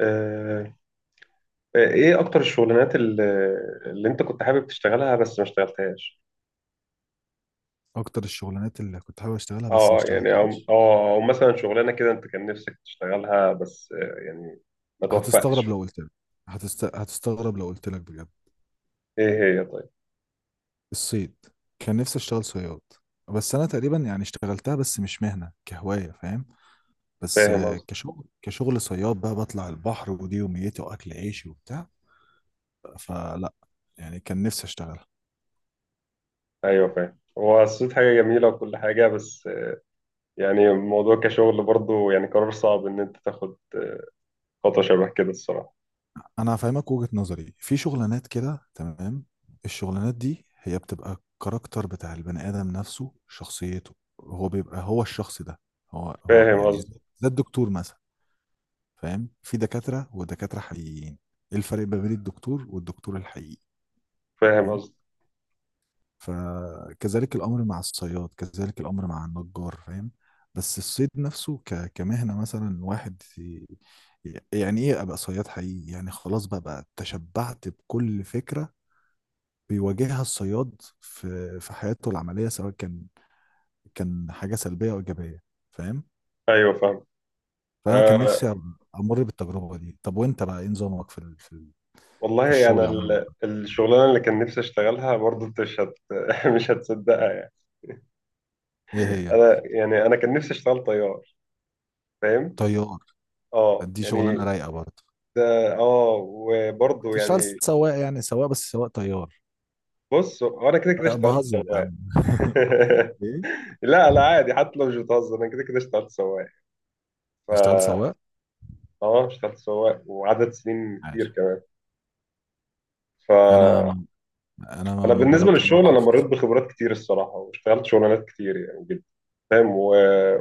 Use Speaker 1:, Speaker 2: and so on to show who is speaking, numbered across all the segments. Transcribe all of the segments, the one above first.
Speaker 1: آه، ايه اكتر الشغلانات اللي انت كنت حابب تشتغلها بس ما اشتغلتهاش.
Speaker 2: اكتر الشغلانات اللي كنت حابب اشتغلها بس ما
Speaker 1: اه يعني او أو-
Speaker 2: اشتغلتهاش.
Speaker 1: أو مثلا شغلانه كده انت كان نفسك تشتغلها بس يعني ما توفقتش
Speaker 2: هتستغرب
Speaker 1: فيها.
Speaker 2: لو قلت لك. هتستغرب لو قلت لك بجد.
Speaker 1: ايه هي طيب.
Speaker 2: الصيد. كان نفسي اشتغل صياد، بس انا تقريبا يعني اشتغلتها بس مش مهنة، كهواية. فاهم. بس
Speaker 1: فاهم قصدي.
Speaker 2: كشغل صياد بقى، بطلع البحر، ودي يوميتي واكل عيشي وبتاع. فلا، يعني كان نفسي اشتغل.
Speaker 1: ايوه فاهم، هو الصيد حاجه جميله وكل حاجه، بس يعني الموضوع كشغل برضه يعني قرار صعب ان انت تاخد خطوه شبه كده الصراحه.
Speaker 2: انا هفهمك وجهة نظري في شغلانات كده. تمام؟ الشغلانات دي هي بتبقى الكاركتر بتاع البني ادم نفسه، شخصيته. هو بيبقى هو الشخص ده. هو
Speaker 1: فاهم
Speaker 2: يعني،
Speaker 1: قصدي.
Speaker 2: زي الدكتور مثلا. فاهم. في دكاترة ودكاترة حقيقيين. ايه الفرق ما بين الدكتور والدكتور الحقيقي؟
Speaker 1: فاهم
Speaker 2: فاهم.
Speaker 1: قصدي.
Speaker 2: فكذلك الامر مع الصياد، كذلك الامر مع النجار. فاهم. بس الصيد نفسه كمهنة، مثلا واحد يعني ايه ابقى صياد حقيقي، يعني خلاص بقى, تشبعت بكل فكرة بيواجهها الصياد في حياته العملية، سواء كان حاجة سلبية أو إيجابية. فاهم.
Speaker 1: ايوه فاهم.
Speaker 2: فأنا كان
Speaker 1: آه،
Speaker 2: نفسي أمر بالتجربة دي. طب وأنت بقى، إيه نظامك
Speaker 1: والله
Speaker 2: في
Speaker 1: انا يعني
Speaker 2: الشغل عموما؟
Speaker 1: الشغلانه اللي كان نفسي اشتغلها برضه انت مش هت- مش هتصدقها يعني.
Speaker 2: إيه هي؟
Speaker 1: انا يعني انا كان نفسي اشتغل طيار. فاهم.
Speaker 2: طيار؟
Speaker 1: اه
Speaker 2: دي
Speaker 1: يعني
Speaker 2: شغلانة رايقة برضه.
Speaker 1: ده اه، وبرضه
Speaker 2: كنت شغال
Speaker 1: يعني
Speaker 2: سواق، يعني سواق، بس سواق طيار.
Speaker 1: بص، هو انا كده كده اشتغلت
Speaker 2: بهزر يا
Speaker 1: سواق.
Speaker 2: عم. ايه،
Speaker 1: لا لا عادي، حتى لو مش بتهزر انا كده كده اشتغلت سواق. ف
Speaker 2: اشتغل سواق.
Speaker 1: اه اشتغلت سواق وعدد سنين كتير
Speaker 2: عاش.
Speaker 1: كمان.
Speaker 2: انا
Speaker 1: ف
Speaker 2: ما انا ما
Speaker 1: انا
Speaker 2: ما
Speaker 1: بالنسبه
Speaker 2: جربت، ما
Speaker 1: للشغل انا مريت
Speaker 2: بعرفش.
Speaker 1: بخبرات كتير الصراحه، واشتغلت شغلانات كتير يعني جدا. فاهم و...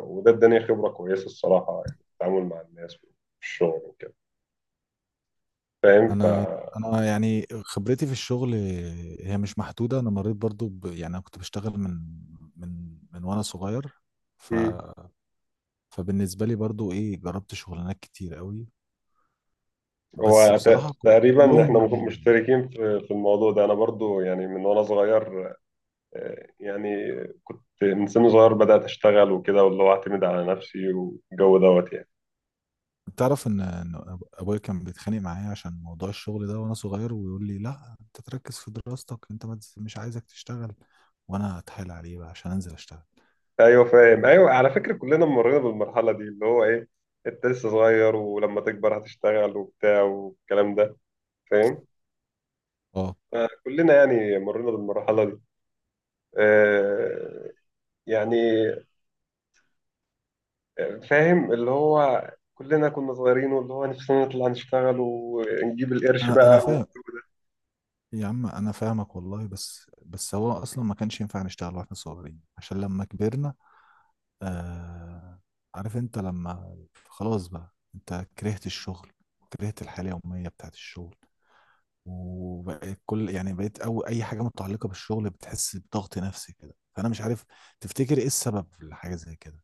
Speaker 1: وده اداني خبره كويسه الصراحه، يعني التعامل مع الناس والشغل وكده. فاهم ف.
Speaker 2: انا انا يعني خبرتي في الشغل هي مش محدوده. انا مريت برضو يعني انا كنت بشتغل من من وانا صغير. ف... فبالنسبه لي برضو ايه، جربت شغلانات كتير قوي. بس
Speaker 1: هو ت-
Speaker 2: بصراحه كلهم
Speaker 1: تقريبا احنا مخ-
Speaker 2: مملين.
Speaker 1: مشتركين في الموضوع ده. انا برضو يعني من وانا صغير، يعني كنت من سن صغير بدأت اشتغل وكده، واللي هو اعتمد على نفسي والجو دوت يعني.
Speaker 2: تعرف ان ابويا كان بيتخانق معايا عشان موضوع الشغل ده وانا صغير، ويقول لي لا، انت تركز في دراستك، انت ما تز- مش عايزك تشتغل. وانا اتحايل عليه بقى عشان انزل اشتغل.
Speaker 1: ايوه فاهم. ايوه، على فكرة كلنا مرينا بالمرحلة دي اللي هو ايه، انت لسه صغير ولما تكبر هتشتغل وبتاع والكلام ده. فاهم.
Speaker 2: اه.
Speaker 1: كلنا يعني مرينا بالمرحلة دي. آه، يعني فاهم، اللي هو كلنا كنا صغيرين واللي هو نفسنا نطلع نشتغل ونجيب القرش
Speaker 2: انا
Speaker 1: بقى.
Speaker 2: فاهم. يا عم انا فاهمك والله، بس هو اصلا ما كانش ينفع نشتغل واحنا صغيرين عشان لما كبرنا. آه عارف انت لما خلاص بقى، انت كرهت الشغل، وكرهت الحياة اليومية بتاعت الشغل، وبقيت يعني بقيت، او اي حاجة متعلقة بالشغل بتحس بضغط نفسي كده. فانا مش عارف، تفتكر ايه السبب لحاجة زي كده؟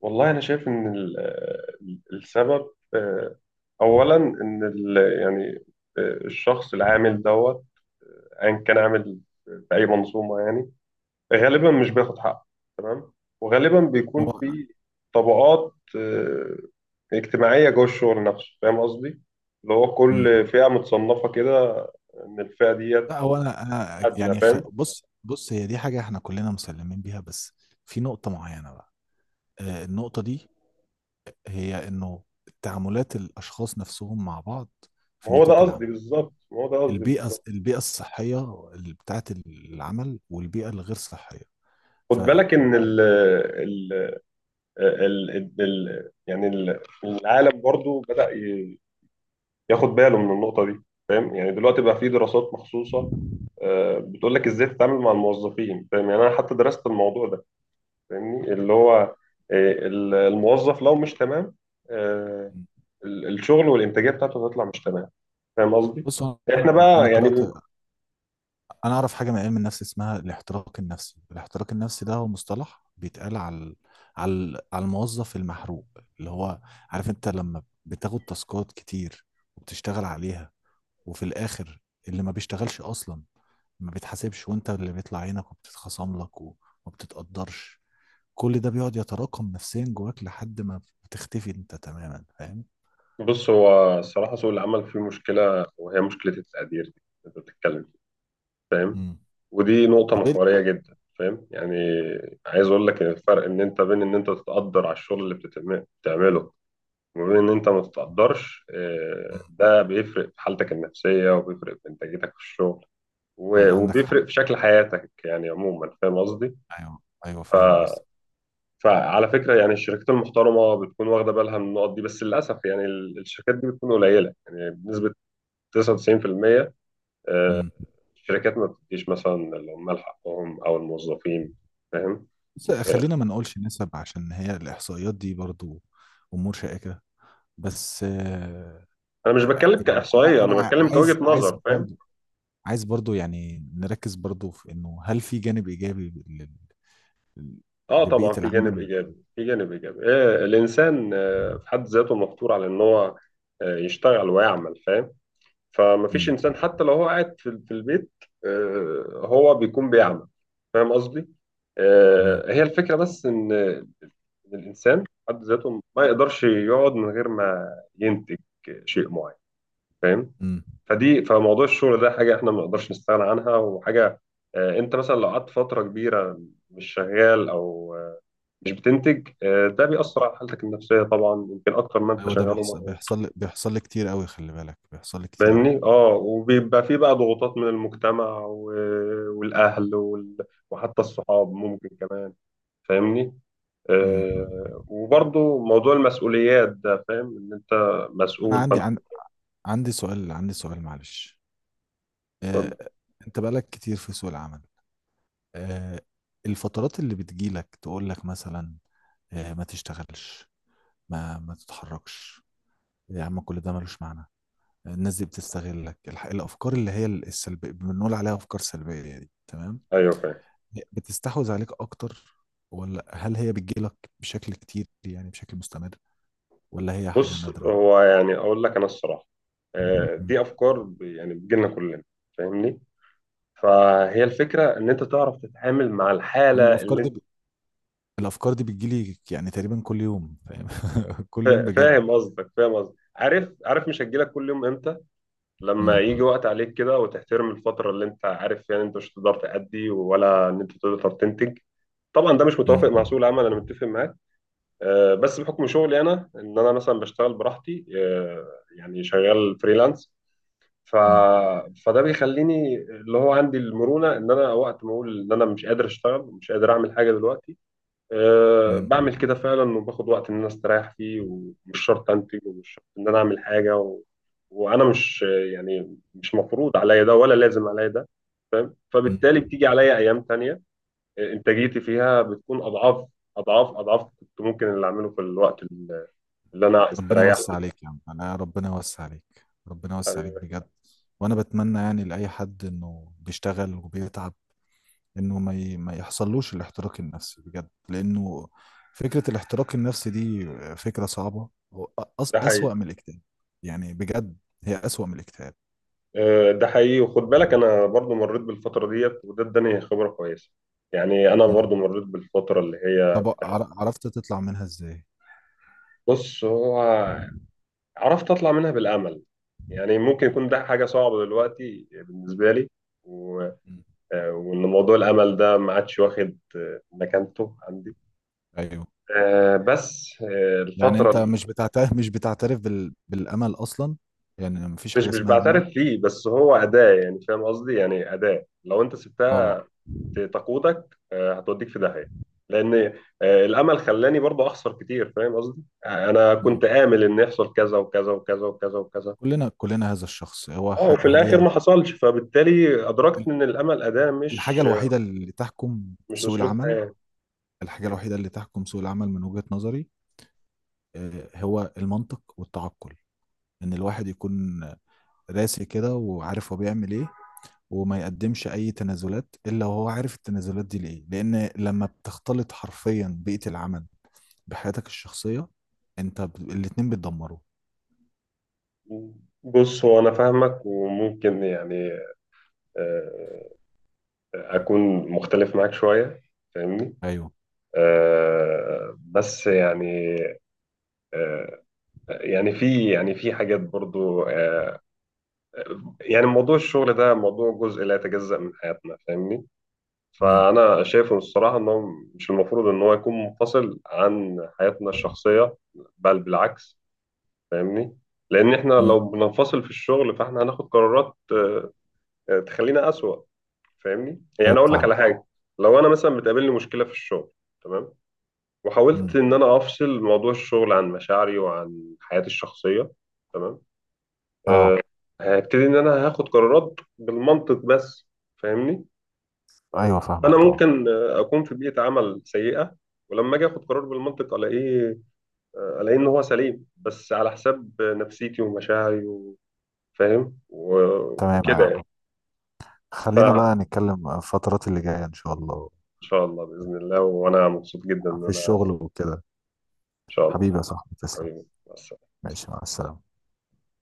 Speaker 1: والله أنا شايف إن السبب أولا إن يعني الشخص العامل دوت أيا كان عامل في أي منظومة يعني غالبا مش بياخد حقه، تمام. وغالبا بيكون
Speaker 2: هو.
Speaker 1: في طبقات اجتماعية جوه الشغل نفسه، فاهم قصدي؟ اللي هو
Speaker 2: مم.
Speaker 1: كل فئة متصنفة كده، إن الفئة ديت
Speaker 2: لا، هو انا
Speaker 1: أدنى،
Speaker 2: يعني
Speaker 1: فاهم؟
Speaker 2: بص بص، هي دي حاجة احنا كلنا مسلمين بيها، بس في نقطة معينة بقى. النقطة دي هي انه تعاملات الاشخاص نفسهم مع بعض
Speaker 1: ما
Speaker 2: في
Speaker 1: هو ده
Speaker 2: نطاق
Speaker 1: قصدي
Speaker 2: العمل.
Speaker 1: بالظبط، ما هو ده قصدي
Speaker 2: البيئه
Speaker 1: بالظبط.
Speaker 2: البيئه الصحيه اللي بتاعت العمل والبيئه الغير صحيه.
Speaker 1: خد
Speaker 2: ف
Speaker 1: بالك ان العالم برضو بدأ ي- ياخد باله من النقطة دي. فاهم، يعني دلوقتي بقى في دراسات مخصوصة بتقول لك ازاي تتعامل مع الموظفين. فاهم، يعني انا حتى درست الموضوع ده. فاهمني، اللي هو الموظف لو مش تمام، آه، الشغل والإنتاجية بتاعته هتطلع مش تمام. فاهم قصدي؟
Speaker 2: بص هو.
Speaker 1: احنا
Speaker 2: انا
Speaker 1: بقى
Speaker 2: قرات
Speaker 1: يعني
Speaker 2: انا اعرف حاجه من علم النفس اسمها الاحتراق النفسي. الاحتراق النفسي ده هو مصطلح بيتقال على الموظف المحروق، اللي هو عارف انت لما بتاخد تاسكات كتير وبتشتغل عليها، وفي الاخر اللي ما بيشتغلش اصلا ما بيتحاسبش، وانت اللي بيطلع عينك وبتتخصم لك وما بتتقدرش. كل ده بيقعد يتراكم نفسيا جواك لحد ما بتختفي انت تماما. فاهم.
Speaker 1: بص، هو الصراحة سوق العمل فيه مشكلة، وهي مشكلة التقدير دي اللي أنت بتتكلم فيها. فاهم.
Speaker 2: امم.
Speaker 1: ودي نقطة
Speaker 2: طب ايه
Speaker 1: محورية جدا، فاهم يعني. عايز أقول لك إن الفرق إن أنت بين إن أنت تتقدر على الشغل اللي بتتم- بتعمله، وبين إن أنت ما تتقدرش،
Speaker 2: مم.
Speaker 1: ده بيفرق في حالتك النفسية، وبيفرق في إنتاجيتك في الشغل، و-
Speaker 2: عندك حق.
Speaker 1: وبيفرق في شكل حياتك يعني عموما. فاهم قصدي؟
Speaker 2: ايوه ايوه فاهم قصدك.
Speaker 1: فعلى فكرة يعني الشركات المحترمة بتكون واخدة بالها من النقط دي، بس للأسف يعني الشركات دي بتكون قليلة، يعني بنسبة 99%.
Speaker 2: امم.
Speaker 1: الشركات ما بتديش مثلا العمال حقهم او الموظفين. فاهم.
Speaker 2: بس
Speaker 1: آه،
Speaker 2: خلينا ما نقولش نسب، عشان هي الاحصائيات دي برضو امور شائكة. بس
Speaker 1: انا مش بتكلم
Speaker 2: يعني
Speaker 1: كاحصائيه،
Speaker 2: انا
Speaker 1: انا
Speaker 2: انا
Speaker 1: بتكلم
Speaker 2: عايز
Speaker 1: كوجهه
Speaker 2: عايز
Speaker 1: نظر. فاهم.
Speaker 2: برضو عايز برضو يعني نركز برضو في انه هل في جانب ايجابي
Speaker 1: اه طبعا
Speaker 2: لبيئة
Speaker 1: في جانب
Speaker 2: العمل؟
Speaker 1: ايجابي، في جانب ايجابي. آه، الانسان آه في حد ذاته مفطور على ان هو آه يشتغل ويعمل. فاهم، فما فيش
Speaker 2: امم.
Speaker 1: انسان حتى لو هو قاعد في البيت آه هو بيكون بيعمل. فاهم قصدي.
Speaker 2: امم.
Speaker 1: آه، هي الفكره بس ان إن الانسان في حد ذاته ما يقدرش يقعد من غير ما ينتج شيء معين. فاهم.
Speaker 2: امم.
Speaker 1: فدي فموضوع الشغل ده حاجة احنا ما نقدرش نستغنى عنها، وحاجة انت مثلا لو قعدت فترة كبيرة مش شغال او مش بتنتج، ده بيأثر على حالتك النفسية طبعا، يمكن اكتر ما انت
Speaker 2: ايوه، ده
Speaker 1: شغال
Speaker 2: بيحصل
Speaker 1: ومضغوط.
Speaker 2: بيحصل لي بيحصل لي كتير قوي، خلي بالك، بيحصل لي كتير قوي.
Speaker 1: فاهمني؟ اه، وبيبقى فيه بقى ضغوطات من المجتمع و- والاهل وال- وحتى الصحاب ممكن كمان. فاهمني؟
Speaker 2: امم.
Speaker 1: وبرضه موضوع المسؤوليات ده، فاهم ان انت
Speaker 2: طب انا
Speaker 1: مسؤول
Speaker 2: عندي
Speaker 1: فانت.
Speaker 2: عندي سؤال، عندي سؤال معلش.
Speaker 1: اتفضل.
Speaker 2: آه... انت بقالك كتير في سوق العمل. آه... الفترات اللي بتجيلك تقول لك مثلا ما تشتغلش، ما تتحركش، يا عم كل ده ملوش معنى، الناس دي بتستغلك، الافكار اللي هي السلبيه، بنقول عليها افكار سلبيه دي، تمام؟
Speaker 1: ايوه فاهم.
Speaker 2: بتستحوذ عليك اكتر؟ ولا هل هي بتجيلك بشكل كتير، يعني بشكل مستمر، ولا هي حاجة
Speaker 1: بص
Speaker 2: نادرة؟
Speaker 1: هو يعني اقول لك انا الصراحه،
Speaker 2: مم.
Speaker 1: دي افكار ب- يعني بتجيلنا كلنا. فاهمني. فهي الفكره ان انت تعرف تتعامل مع
Speaker 2: انا
Speaker 1: الحاله
Speaker 2: الافكار
Speaker 1: اللي
Speaker 2: دي
Speaker 1: انت
Speaker 2: بتجيلي يعني تقريبا كل يوم. فاهم. كل يوم بجد.
Speaker 1: فاهم قصدك، فاهم قصدك. عارف عارف مش هتجيلك كل يوم امتى، لما
Speaker 2: مم.
Speaker 1: يجي وقت عليك كده وتحترم الفتره اللي انت عارف فيها ان انت مش هتقدر تأدي ولا ان انت تقدر تنتج. طبعا ده مش متوافق
Speaker 2: مم.
Speaker 1: مع سوق العمل، انا متفق معاك. بس بحكم شغلي انا ان انا مثلا بشتغل براحتي، يعني شغال فريلانس. ف...
Speaker 2: مم.
Speaker 1: فده بيخليني اللي هو عندي المرونه ان انا وقت ما اقول ان انا مش قادر اشتغل، مش قادر اعمل حاجه دلوقتي، أه
Speaker 2: مم.
Speaker 1: بعمل كده فعلا، وباخد وقت ان انا استريح فيه ومش شرط انتج ومش شرط ان انا اعمل حاجه و... وانا مش يعني مش مفروض عليا ده ولا لازم عليا ده.
Speaker 2: مم.
Speaker 1: فبالتالي بتيجي عليا ايام تانية انتاجيتي فيها بتكون اضعاف اضعاف اضعاف كنت ممكن اللي اعمله في الوقت اللي انا
Speaker 2: ربنا
Speaker 1: استريحته
Speaker 2: يوسع
Speaker 1: ده
Speaker 2: عليك يا عم. انا ربنا يوسع عليك، ربنا يوسع
Speaker 1: يعني.
Speaker 2: عليك بجد. وانا بتمنى يعني لاي حد انه بيشتغل وبيتعب، انه ما يحصلوش الاحتراق النفسي بجد، لانه فكرة الاحتراق النفسي دي فكرة صعبة،
Speaker 1: ده حقيقي.
Speaker 2: أسوأ من الاكتئاب. يعني بجد، هي أسوأ من الاكتئاب.
Speaker 1: ده حقيقي، وخد بالك انا برضو مريت بالفتره ديت وده اداني خبره كويسه. يعني انا
Speaker 2: مم.
Speaker 1: برضو مريت بالفتره اللي هي
Speaker 2: طب عرفت تطلع منها ازاي؟
Speaker 1: بص هو
Speaker 2: مم.
Speaker 1: عرفت اطلع منها بالامل. يعني ممكن يكون ده حاجه صعبه دلوقتي بالنسبه لي، و...
Speaker 2: مم.
Speaker 1: وان موضوع الامل ده ما عادش واخد مكانته عندي.
Speaker 2: ايوه.
Speaker 1: آه، بس آه،
Speaker 2: يعني
Speaker 1: الفتره
Speaker 2: انت
Speaker 1: اللي-
Speaker 2: مش بتعترف مش بتعترف بالامل اصلا؟ يعني مفيش حاجه
Speaker 1: مش
Speaker 2: اسمها امل؟
Speaker 1: بعترف فيه، بس هو اداه يعني، فاهم قصدي؟ يعني اداه لو انت سبتها
Speaker 2: اه.
Speaker 1: تقودك هتوديك في داهيه، لان الامل خلاني برضه اخسر كتير. فاهم قصدي، انا
Speaker 2: مم.
Speaker 1: كنت امل ان يحصل كذا وكذا وكذا وكذا وكذا.
Speaker 2: كلنا كلنا هذا الشخص هو
Speaker 1: اه وفي الاخر ما حصلش، فبالتالي ادركت ان الامل اداه،
Speaker 2: الحاجه
Speaker 1: مش
Speaker 2: الوحيده اللي تحكم
Speaker 1: مش
Speaker 2: سوق
Speaker 1: اسلوب
Speaker 2: العمل
Speaker 1: حياه.
Speaker 2: الحاجة الوحيدة اللي تحكم سوق العمل من وجهة نظري، هو المنطق والتعقل، إن الواحد يكون راسي كده وعارف هو بيعمل إيه، وما يقدمش أي تنازلات إلا وهو عارف التنازلات دي لإيه، لأن لما بتختلط حرفيا بيئة العمل بحياتك الشخصية، أنت الاتنين بيتدمروا.
Speaker 1: بص هو انا فاهمك، وممكن يعني آه، اكون مختلف معاك شويه. فاهمني.
Speaker 2: أيوه.
Speaker 1: آه، بس يعني آه، يعني في يعني في حاجات برضو، يعني موضوع الشغل ده موضوع جزء لا يتجزأ من حياتنا. فاهمني.
Speaker 2: امم.
Speaker 1: فأنا شايفه الصراحة إن هو مش المفروض إن هو يكون منفصل عن حياتنا الشخصية، بل بالعكس. فاهمني، لأن إحنا
Speaker 2: امم.
Speaker 1: لو بننفصل في الشغل فإحنا هناخد قرارات تخلينا أسوأ. فاهمني، يعني
Speaker 2: ايوه
Speaker 1: أقول لك
Speaker 2: فاهم.
Speaker 1: على حاجة: لو أنا مثلا بتقابلني مشكلة في الشغل، تمام، وحاولت
Speaker 2: امم.
Speaker 1: إن أنا أفصل موضوع الشغل عن مشاعري وعن حياتي الشخصية، تمام، آه،
Speaker 2: اه.
Speaker 1: هبتدي إن أنا هاخد قرارات بالمنطق بس. فاهمني.
Speaker 2: ايوه
Speaker 1: انا
Speaker 2: فاهمك طبعا.
Speaker 1: ممكن اكون في بيئه عمل سيئه، ولما اجي اخد قرار بالمنطق الاقيه الاقيه ان هو سليم بس على حساب نفسيتي ومشاعري وفاهم و-
Speaker 2: تمام.
Speaker 1: وكده يعني.
Speaker 2: أيوة. خلينا
Speaker 1: فان
Speaker 2: بقى نتكلم الفترات اللي جايه ان شاء الله
Speaker 1: شاء الله باذن الله، وانا مبسوط جدا ان
Speaker 2: في
Speaker 1: انا
Speaker 2: الشغل وكده.
Speaker 1: ان شاء الله.
Speaker 2: حبيبي يا صاحبي تسلم.
Speaker 1: حبيبي مع السلامة.
Speaker 2: ماشي، مع السلامة.